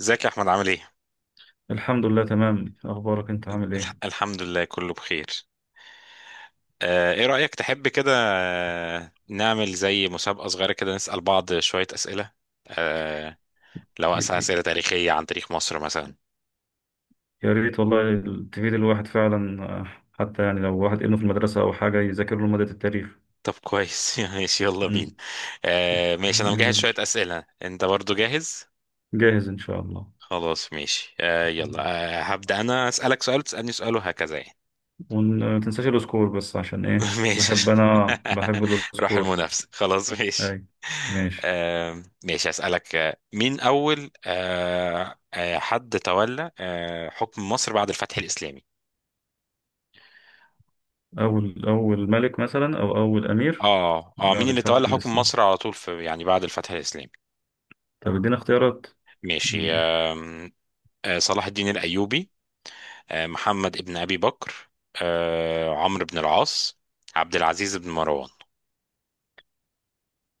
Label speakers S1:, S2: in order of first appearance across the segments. S1: ازيك يا احمد، عامل ايه؟
S2: الحمد لله، تمام، اخبارك، انت عامل ايه؟
S1: الحمد لله كله بخير. ايه رأيك، تحب كده نعمل زي مسابقة صغيرة كده، نسأل بعض شوية أسئلة؟ آه، لو
S2: ي-
S1: أسأل
S2: ي-
S1: أسئلة تاريخية عن تاريخ مصر مثلا.
S2: يا ريت والله تفيد الواحد فعلا. حتى يعني لو واحد ابنه في المدرسة او حاجة يذاكر له مادة التاريخ.
S1: طب كويس. ماشي، يلا بينا.
S2: مم.
S1: ماشي، أنا
S2: يلا يا
S1: مجهز شوية
S2: باشا.
S1: أسئلة، أنت برضو جاهز؟
S2: جاهز ان شاء الله.
S1: خلاص ماشي، يلا.
S2: مم.
S1: هبدأ أنا أسألك سؤال، تسألني سؤال، وهكذا يعني.
S2: وما تنساش السكور، بس عشان ايه؟ بحب،
S1: ماشي.
S2: انا بحب
S1: روح
S2: السكور.
S1: المنافسة، خلاص ماشي.
S2: اي، ماشي.
S1: ماشي، أسألك: مين أول حد تولى حكم مصر بعد الفتح الإسلامي؟
S2: اول ملك مثلا او اول امير؟
S1: اه، اه، مين
S2: بعد
S1: اللي
S2: الفتح
S1: تولى حكم
S2: الاسلام.
S1: مصر على طول، في يعني، بعد الفتح الإسلامي.
S2: طب ادينا اختيارات.
S1: ماشي.
S2: مم.
S1: صلاح الدين الأيوبي، محمد ابن أبي بكر، عمرو بن العاص، عبد العزيز بن مروان؟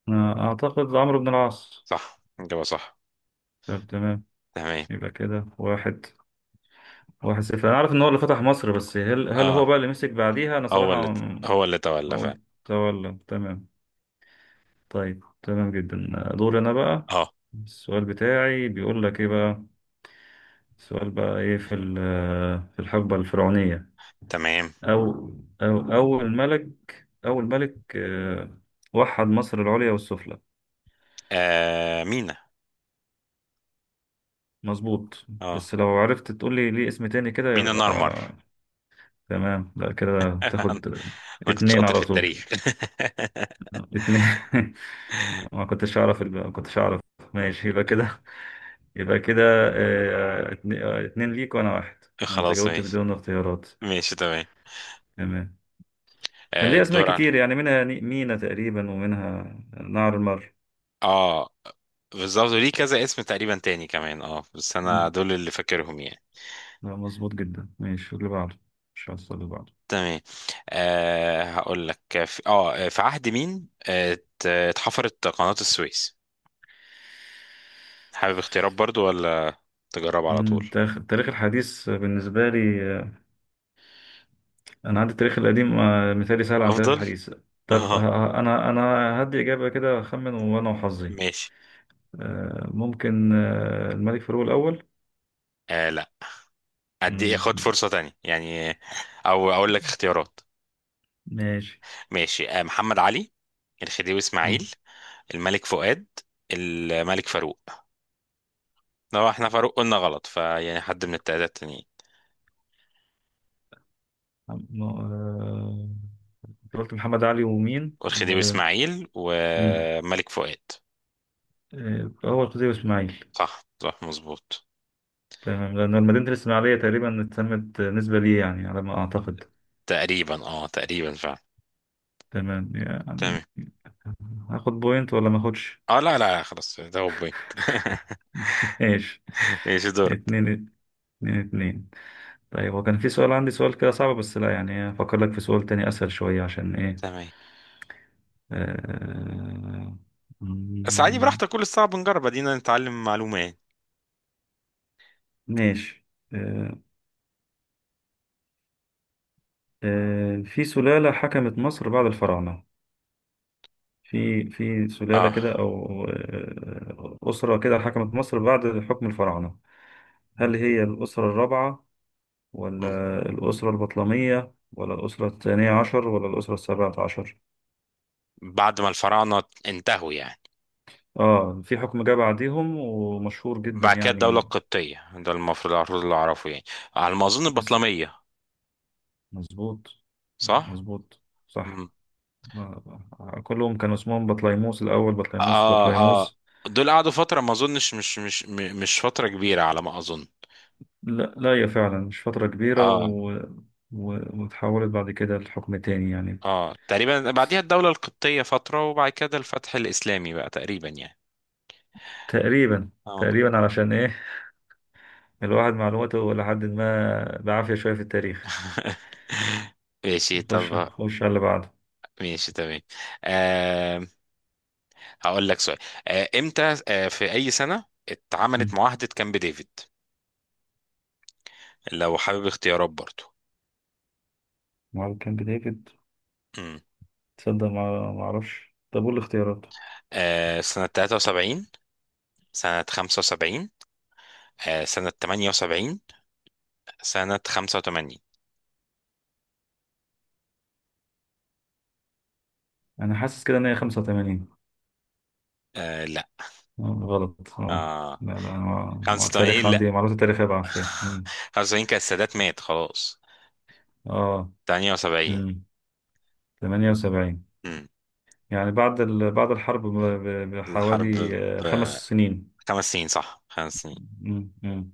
S2: أنا اعتقد عمرو بن العاص.
S1: صح، إجابة صح.
S2: طب، تمام.
S1: تمام.
S2: يبقى كده واحد. واحد صفر. انا عارف ان هو اللي فتح مصر، بس هل هو
S1: اه،
S2: بقى اللي مسك بعديها؟ انا
S1: هو
S2: صراحة
S1: اللي هو اللي تولى
S2: ما
S1: فعلا.
S2: قلت. ولا، تمام. طيب، تمام جدا. دور انا بقى.
S1: اه،
S2: السؤال بتاعي بيقول لك ايه بقى؟ السؤال بقى ايه في في الحقبة الفرعونية،
S1: تمام.
S2: او او اول ملك ، وحد مصر العليا والسفلى؟
S1: مينا.
S2: مظبوط،
S1: اه،
S2: بس لو عرفت تقول لي ليه اسم تاني كده
S1: مينا
S2: يبقى.
S1: نارمر.
S2: تمام، لا كده تاخد.
S1: انا كنت
S2: اتنين
S1: شاطر في
S2: على طول.
S1: التاريخ.
S2: اتنين. ما كنتش اعرف. ماشي، يبقى كده. يبقى كده. اتنين ليك وانا واحد. انت
S1: خلاص
S2: جاوبت
S1: ماشي.
S2: بدون اختيارات.
S1: ماشي، تمام.
S2: تمام. كان ليه اسماء
S1: الدور على.
S2: كتير يعني، منها مينا تقريبا، ومنها نهر المر.
S1: اه، بالظبط، ليه كذا اسم تقريبا تاني كمان. اه، بس انا
S2: مم.
S1: دول اللي فاكرهم يعني.
S2: لا، مظبوط جدا. ماشي اللي بعده. مش هوصل اللي بعده.
S1: تمام. هقول لك: في عهد مين اتحفرت قناة السويس؟ حابب اختيارات برضو، ولا تجرب على طول؟
S2: التاريخ الحديث بالنسبة لي، أنا عندي التاريخ القديم، مثالي سهل عن التاريخ
S1: افضل.
S2: الحديث. طب،
S1: اه،
S2: أنا هدي إجابة كده، أخمن وأنا وحظي.
S1: ماشي.
S2: ممكن، الملك فاروق الأول.
S1: لا، ادي خد
S2: مم،
S1: فرصة تانية يعني، او اقول لك اختيارات.
S2: ماشي.
S1: ماشي، محمد علي، الخديوي
S2: مم.
S1: اسماعيل، الملك فؤاد، الملك فاروق. لو احنا فاروق قلنا غلط، فيعني حد من التلاتة التانيين،
S2: م- آه، أنت قلت محمد علي ومين
S1: والخديوي اسماعيل
S2: مم.
S1: وملك فؤاد.
S2: أول خطيب إسماعيل.
S1: صح، صح، مظبوط.
S2: تمام، لأن مدينة الإسماعيلية تقريبا اتسمت نسبة ليه يعني، على ما أعتقد.
S1: تقريبا، اه، تقريبا فعلا.
S2: تمام يعني.
S1: تمام.
S2: هاخد بوينت ولا ما اخدش؟
S1: اه، لا، لا، خلاص، ده هو بوينت.
S2: ماشي.
S1: ايش دورك؟
S2: اتنين اتنين اتنين. طيب، هو كان في سؤال عندي، سؤال كده صعب، بس لا يعني افكر لك في سؤال تاني اسهل شوية عشان ايه.
S1: تمام.
S2: آه،
S1: بس عادي،
S2: مم،
S1: براحتك، كل الصعب نجرب، ادينا نتعلم معلومة يعني.
S2: ماشي. آه، في سلالة حكمت مصر بعد الفراعنة. في سلالة
S1: اه.
S2: كده، أو، أسرة كده حكمت مصر بعد حكم الفراعنة. هل هي الأسرة الرابعة،
S1: مم.
S2: ولا الأسرة البطلمية، ولا الأسرة الثانية عشر، ولا الأسرة السابعة عشر؟
S1: بعد ما الفراعنة انتهوا يعني؟
S2: في حكم جه بعديهم ومشهور جدا
S1: بعد كده الدولة
S2: يعني.
S1: القبطية، ده المفروض اللي أعرفه يعني، على ما أظن
S2: بس.
S1: البطلمية.
S2: مظبوط.
S1: صح؟
S2: مظبوط
S1: مم.
S2: صح. كلهم كان اسمهم بطليموس الأول، بطليموس،
S1: آه، آه،
S2: بطليموس.
S1: دول قعدوا فترة، ما أظنش مش فترة كبيرة، على ما أظن.
S2: لا لا، هي فعلا مش فترة كبيرة
S1: آه،
S2: و... و... وتحولت بعد كده لحكم تاني يعني.
S1: آه، تقريبا بعديها الدولة القبطية فترة، وبعد كده الفتح الإسلامي بقى تقريبا يعني.
S2: تقريبا.
S1: آه.
S2: تقريبا، علشان ايه؟ الواحد معلوماته لحد ما بعافية شوية في التاريخ.
S1: ماشي،
S2: نخش
S1: طب.
S2: نخش على اللي بعده.
S1: ماشي، تمام. آه هقول لك سؤال. إمتى، في أي سنة اتعملت
S2: مم.
S1: معاهدة كامب ديفيد؟ لو حابب اختيارات برضو:
S2: وعلى كامب ديفيد. تصدق؟ ما اعرفش. طب قول الاختيارات.
S1: سنة 73، سنة 75، سنة 78، سنة 85.
S2: انا حاسس كده ان هي 85.
S1: لا.
S2: غلط.
S1: آه.
S2: لا لا، أنا ما
S1: 85،
S2: التاريخ عندي
S1: لا.
S2: معلومات التاريخية بعافية مم.
S1: 75 كان السادات مات خلاص.
S2: اه،
S1: 78.
S2: 78.
S1: مم.
S2: يعني بعد الحرب
S1: الحرب،
S2: بحوالي
S1: ب-
S2: 5 سنين.
S1: خمس سنين، صح، خمس سنين.
S2: مم. مم.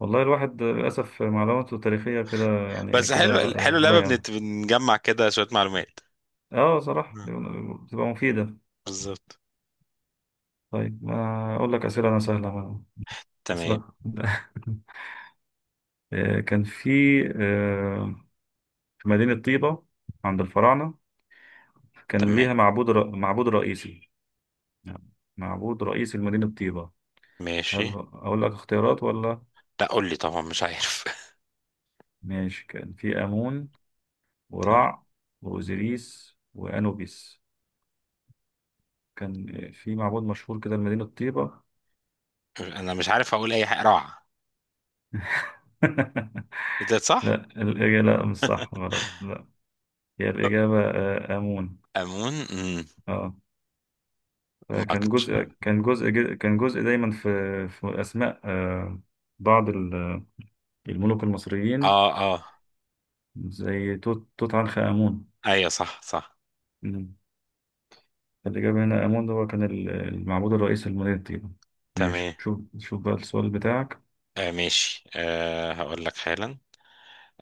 S2: والله الواحد للأسف معلوماته التاريخية كده، يعني
S1: بس
S2: كده
S1: حلو حلو
S2: بقى
S1: اللعبة،
S2: ضايعة.
S1: بنجمع كده شوية معلومات.
S2: اه، صراحة
S1: مم.
S2: بتبقى مفيدة.
S1: بالظبط.
S2: طيب، ما أقول لك أسئلة أنا سهلة
S1: تمام،
S2: أسئلة. كان في آه، في مدينة طيبة عند الفراعنة كان
S1: تمام،
S2: ليها معبود رئيسي. نعم. معبود رئيسي لمدينة طيبة.
S1: ماشي.
S2: أقول لك اختيارات ولا؟
S1: لا، قول لي، طبعا مش عارف.
S2: ماشي، كان في آمون،
S1: تمام.
S2: ورع، وأوزيريس، وأنوبيس. كان في معبود مشهور كده لمدينة طيبة.
S1: انا مش عارف اقول اي حاجة، روعة. إيه ده،
S2: لا،
S1: صح؟
S2: الإجابة لا، مش صح، غلط، لا. هي الإجابة، آمون.
S1: أمون.
S2: اه، فكان
S1: ماركت
S2: جزء.
S1: شهر.
S2: كان جزء دايما في أسماء، بعض الملوك المصريين،
S1: اه، اه،
S2: زي توت عنخ آمون.
S1: ايوه، صح، صح،
S2: مم. فالإجابة هنا آمون، ده هو كان المعبود الرئيسي لمدينة طيبة.
S1: تمام.
S2: ماشي، شوف شوف بقى السؤال بتاعك.
S1: ماشي. هقول لك حالا.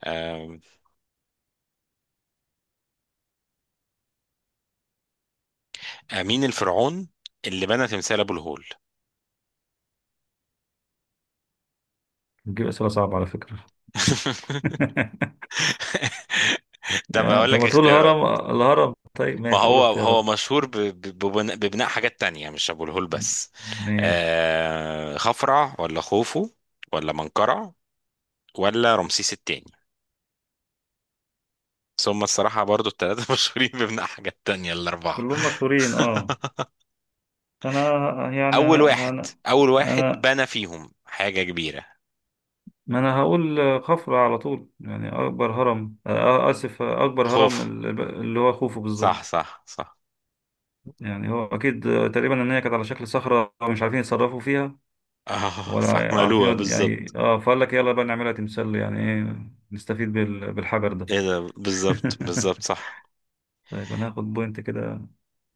S1: آه مين الفرعون اللي بنى تمثال ابو الهول؟
S2: بتجيب أسئلة صعبة على فكرة.
S1: طب،
S2: يعني
S1: هقول
S2: طب
S1: لك
S2: ما تقول
S1: اختيارات.
S2: هرم. الهرم. طيب،
S1: ما
S2: ماشي قول
S1: هو هو
S2: اختيارات.
S1: مشهور ببناء حاجات تانية، مش ابو الهول بس.
S2: ماشي،
S1: خفرع ولا خوفو، ولا منقرع، ولا رمسيس التاني؟ ثم الصراحة برضو الثلاثة مشهورين ببناء حاجات تانية، الأربعة.
S2: كلهم مشهورين، اه. انا، يعني
S1: اول واحد
S2: انا،
S1: اول واحد
S2: انا
S1: بنى فيهم حاجة كبيرة.
S2: ما انا هقول خفرة على طول. يعني اكبر هرم، اسف، اكبر هرم
S1: خوف،
S2: اللي هو خوفو
S1: صح،
S2: بالظبط.
S1: صح، صح.
S2: يعني هو اكيد، تقريبا ان هي كانت على شكل صخرة مش عارفين يتصرفوا فيها،
S1: اه،
S2: ولا عارفين
S1: فعملوها
S2: يعني
S1: بالظبط.
S2: اه، فقال لك يلا بقى نعملها تمثال يعني ايه، نستفيد بالحجر ده.
S1: ايه ده، بالظبط، بالظبط، صح.
S2: طيب انا هاخد بوينت كده،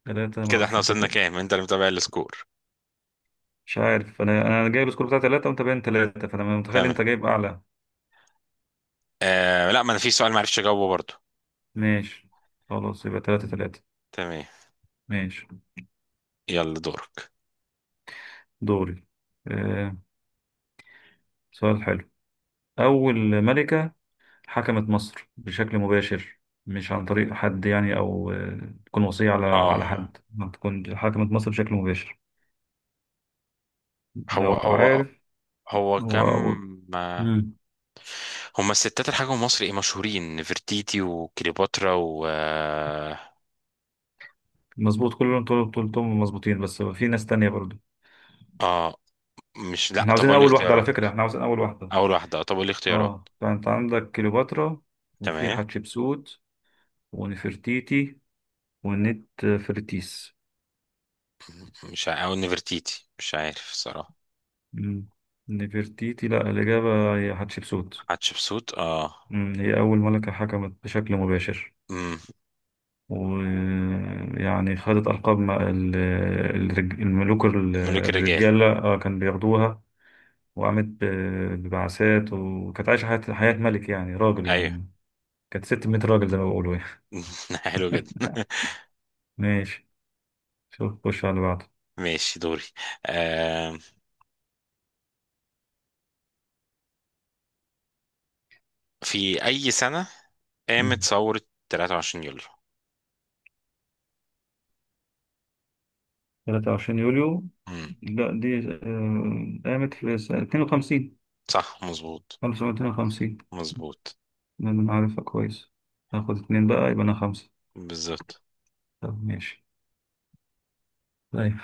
S2: ثلاثة. ما
S1: كده احنا
S2: اعرفش انت؟
S1: وصلنا كام؟ انت اللي متابع السكور.
S2: مش عارف، انا جايب السكور بتاع ثلاثة، وانت باين ثلاثة، فانا متخيل
S1: تمام.
S2: انت جايب اعلى.
S1: لا، ما انا في سؤال معرفش اجاوبه برضو.
S2: ماشي، خلاص يبقى ثلاثة ثلاثة.
S1: تمام.
S2: ماشي،
S1: يلا دورك.
S2: دوري. آه سؤال حلو. اول ملكة حكمت مصر بشكل مباشر، مش عن طريق حد يعني، او، تكون وصية على
S1: اه،
S2: على حد، ما تكون حكمت مصر بشكل مباشر.
S1: هو
S2: لو
S1: هو
S2: عارف.
S1: هو
S2: هو
S1: كم،
S2: هو-
S1: ما
S2: مم.
S1: هما الستات، الحاجة مصر ايه مشهورين، نفرتيتي وكليوباترا و اه
S2: مظبوط كلهم، طول طول طول مظبوطين، بس في ناس تانية برضو.
S1: آه، مش لا،
S2: احنا
S1: طب
S2: عاوزين
S1: قول لي
S2: اول واحدة على
S1: اختيارات.
S2: فكرة، احنا عاوزين اول واحدة.
S1: اول واحدة، اه، طب قول لي اختيارات.
S2: اه، فانت عندك كليوباترا، وفي
S1: تمام،
S2: حتشبسوت، ونفرتيتي، ونت فرتيس.
S1: مش ع- او نفرتيتي، مش عارف صراحة.
S2: مم. نفرتيتي؟ لا، الإجابة هي حتشبسوت.
S1: حتشبسوت. اه.
S2: مم. هي أول ملكة حكمت بشكل مباشر،
S1: امم
S2: ويعني خدت ألقاب الملوك
S1: الملوك الرجال.
S2: الرجالة، كان بياخدوها، وقامت ببعثات، وكانت عايشة حياة ملك يعني، راجل
S1: ايوه.
S2: يعني. كانت 600 راجل زي ما بيقولوا يعني.
S1: حلو جدا.
S2: ماشي، شوف خش على اللي بعده.
S1: ماشي، دوري. آه. في اي سنة قامت ثورة 23 يوليو؟
S2: 23 يوليو.
S1: امم
S2: لا، دي، قامت في سنة 52.
S1: صح، مظبوط.
S2: 1952.
S1: مظبوط.
S2: أنا عارفها كويس. هاخد اتنين بقى، يبقى أنا خمسة.
S1: بالظبط.
S2: طب ماشي. طيب،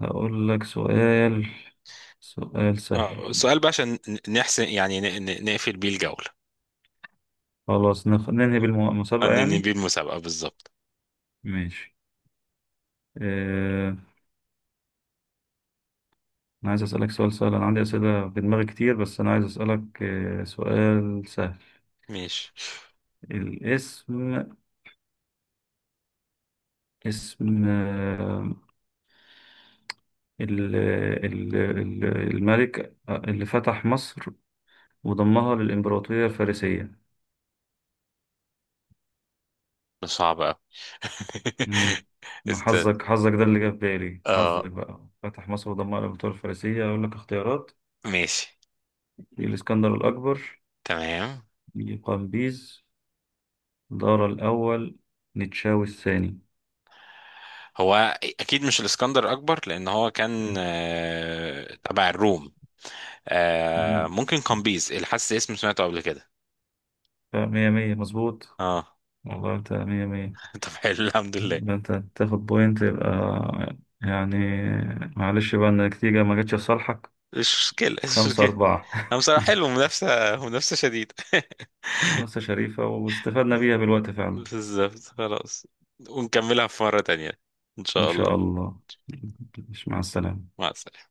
S2: هقول لك سؤال، سؤال
S1: اه،
S2: سهل.
S1: سؤال بقى عشان نحسن يعني نقفل بيه الجولة،
S2: خلاص، ننهي بالمسابقة
S1: ننهي
S2: يعني.
S1: بيه المسابقة، بالظبط.
S2: ماشي. آه... أنا عايز أسألك سؤال سهل، أنا عندي أسئلة في دماغي كتير، بس أنا عايز أسألك سؤال سهل.
S1: ماشي.
S2: الاسم. اسم ال- الملك اللي فتح مصر وضمها للإمبراطورية الفارسية.
S1: ده صعب أوي.
S2: امم
S1: استنى.
S2: حظك حظك، ده اللي جه في بالي.
S1: اه،
S2: حظك بقى، فتح مصر وضمها للإمبراطورية الفارسية. أقول لك اختيارات؟
S1: ماشي،
S2: الإسكندر الأكبر،
S1: تمام.
S2: قمبيز، دارا الأول، نتشاوي الثاني.
S1: هو اكيد مش الاسكندر الاكبر، لان هو كان
S2: مم.
S1: تبع الروم.
S2: تمام،
S1: ممكن قمبيز، اللي حاسس اسم سمعته قبل كده.
S2: بقى مية مية، مظبوط.
S1: اه.
S2: والله أنت مية مية.
S1: طب، حلو، الحمد لله.
S2: ده أنت تاخد بوينت يبقى، يعني معلش بقى إن النتيجة ما جاتش في صالحك.
S1: مش مشكله، مش
S2: خمسة
S1: مشكله.
S2: أربعة.
S1: انا بصراحه حلو، منافسه منافسه شديده.
S2: مؤسسة شريفة، واستفدنا بيها بالوقت فعلا.
S1: بالظبط خلاص. ونكملها في مره تانية، ان
S2: إن
S1: شاء
S2: شاء
S1: الله.
S2: الله. مع السلامة.
S1: مع السلامه.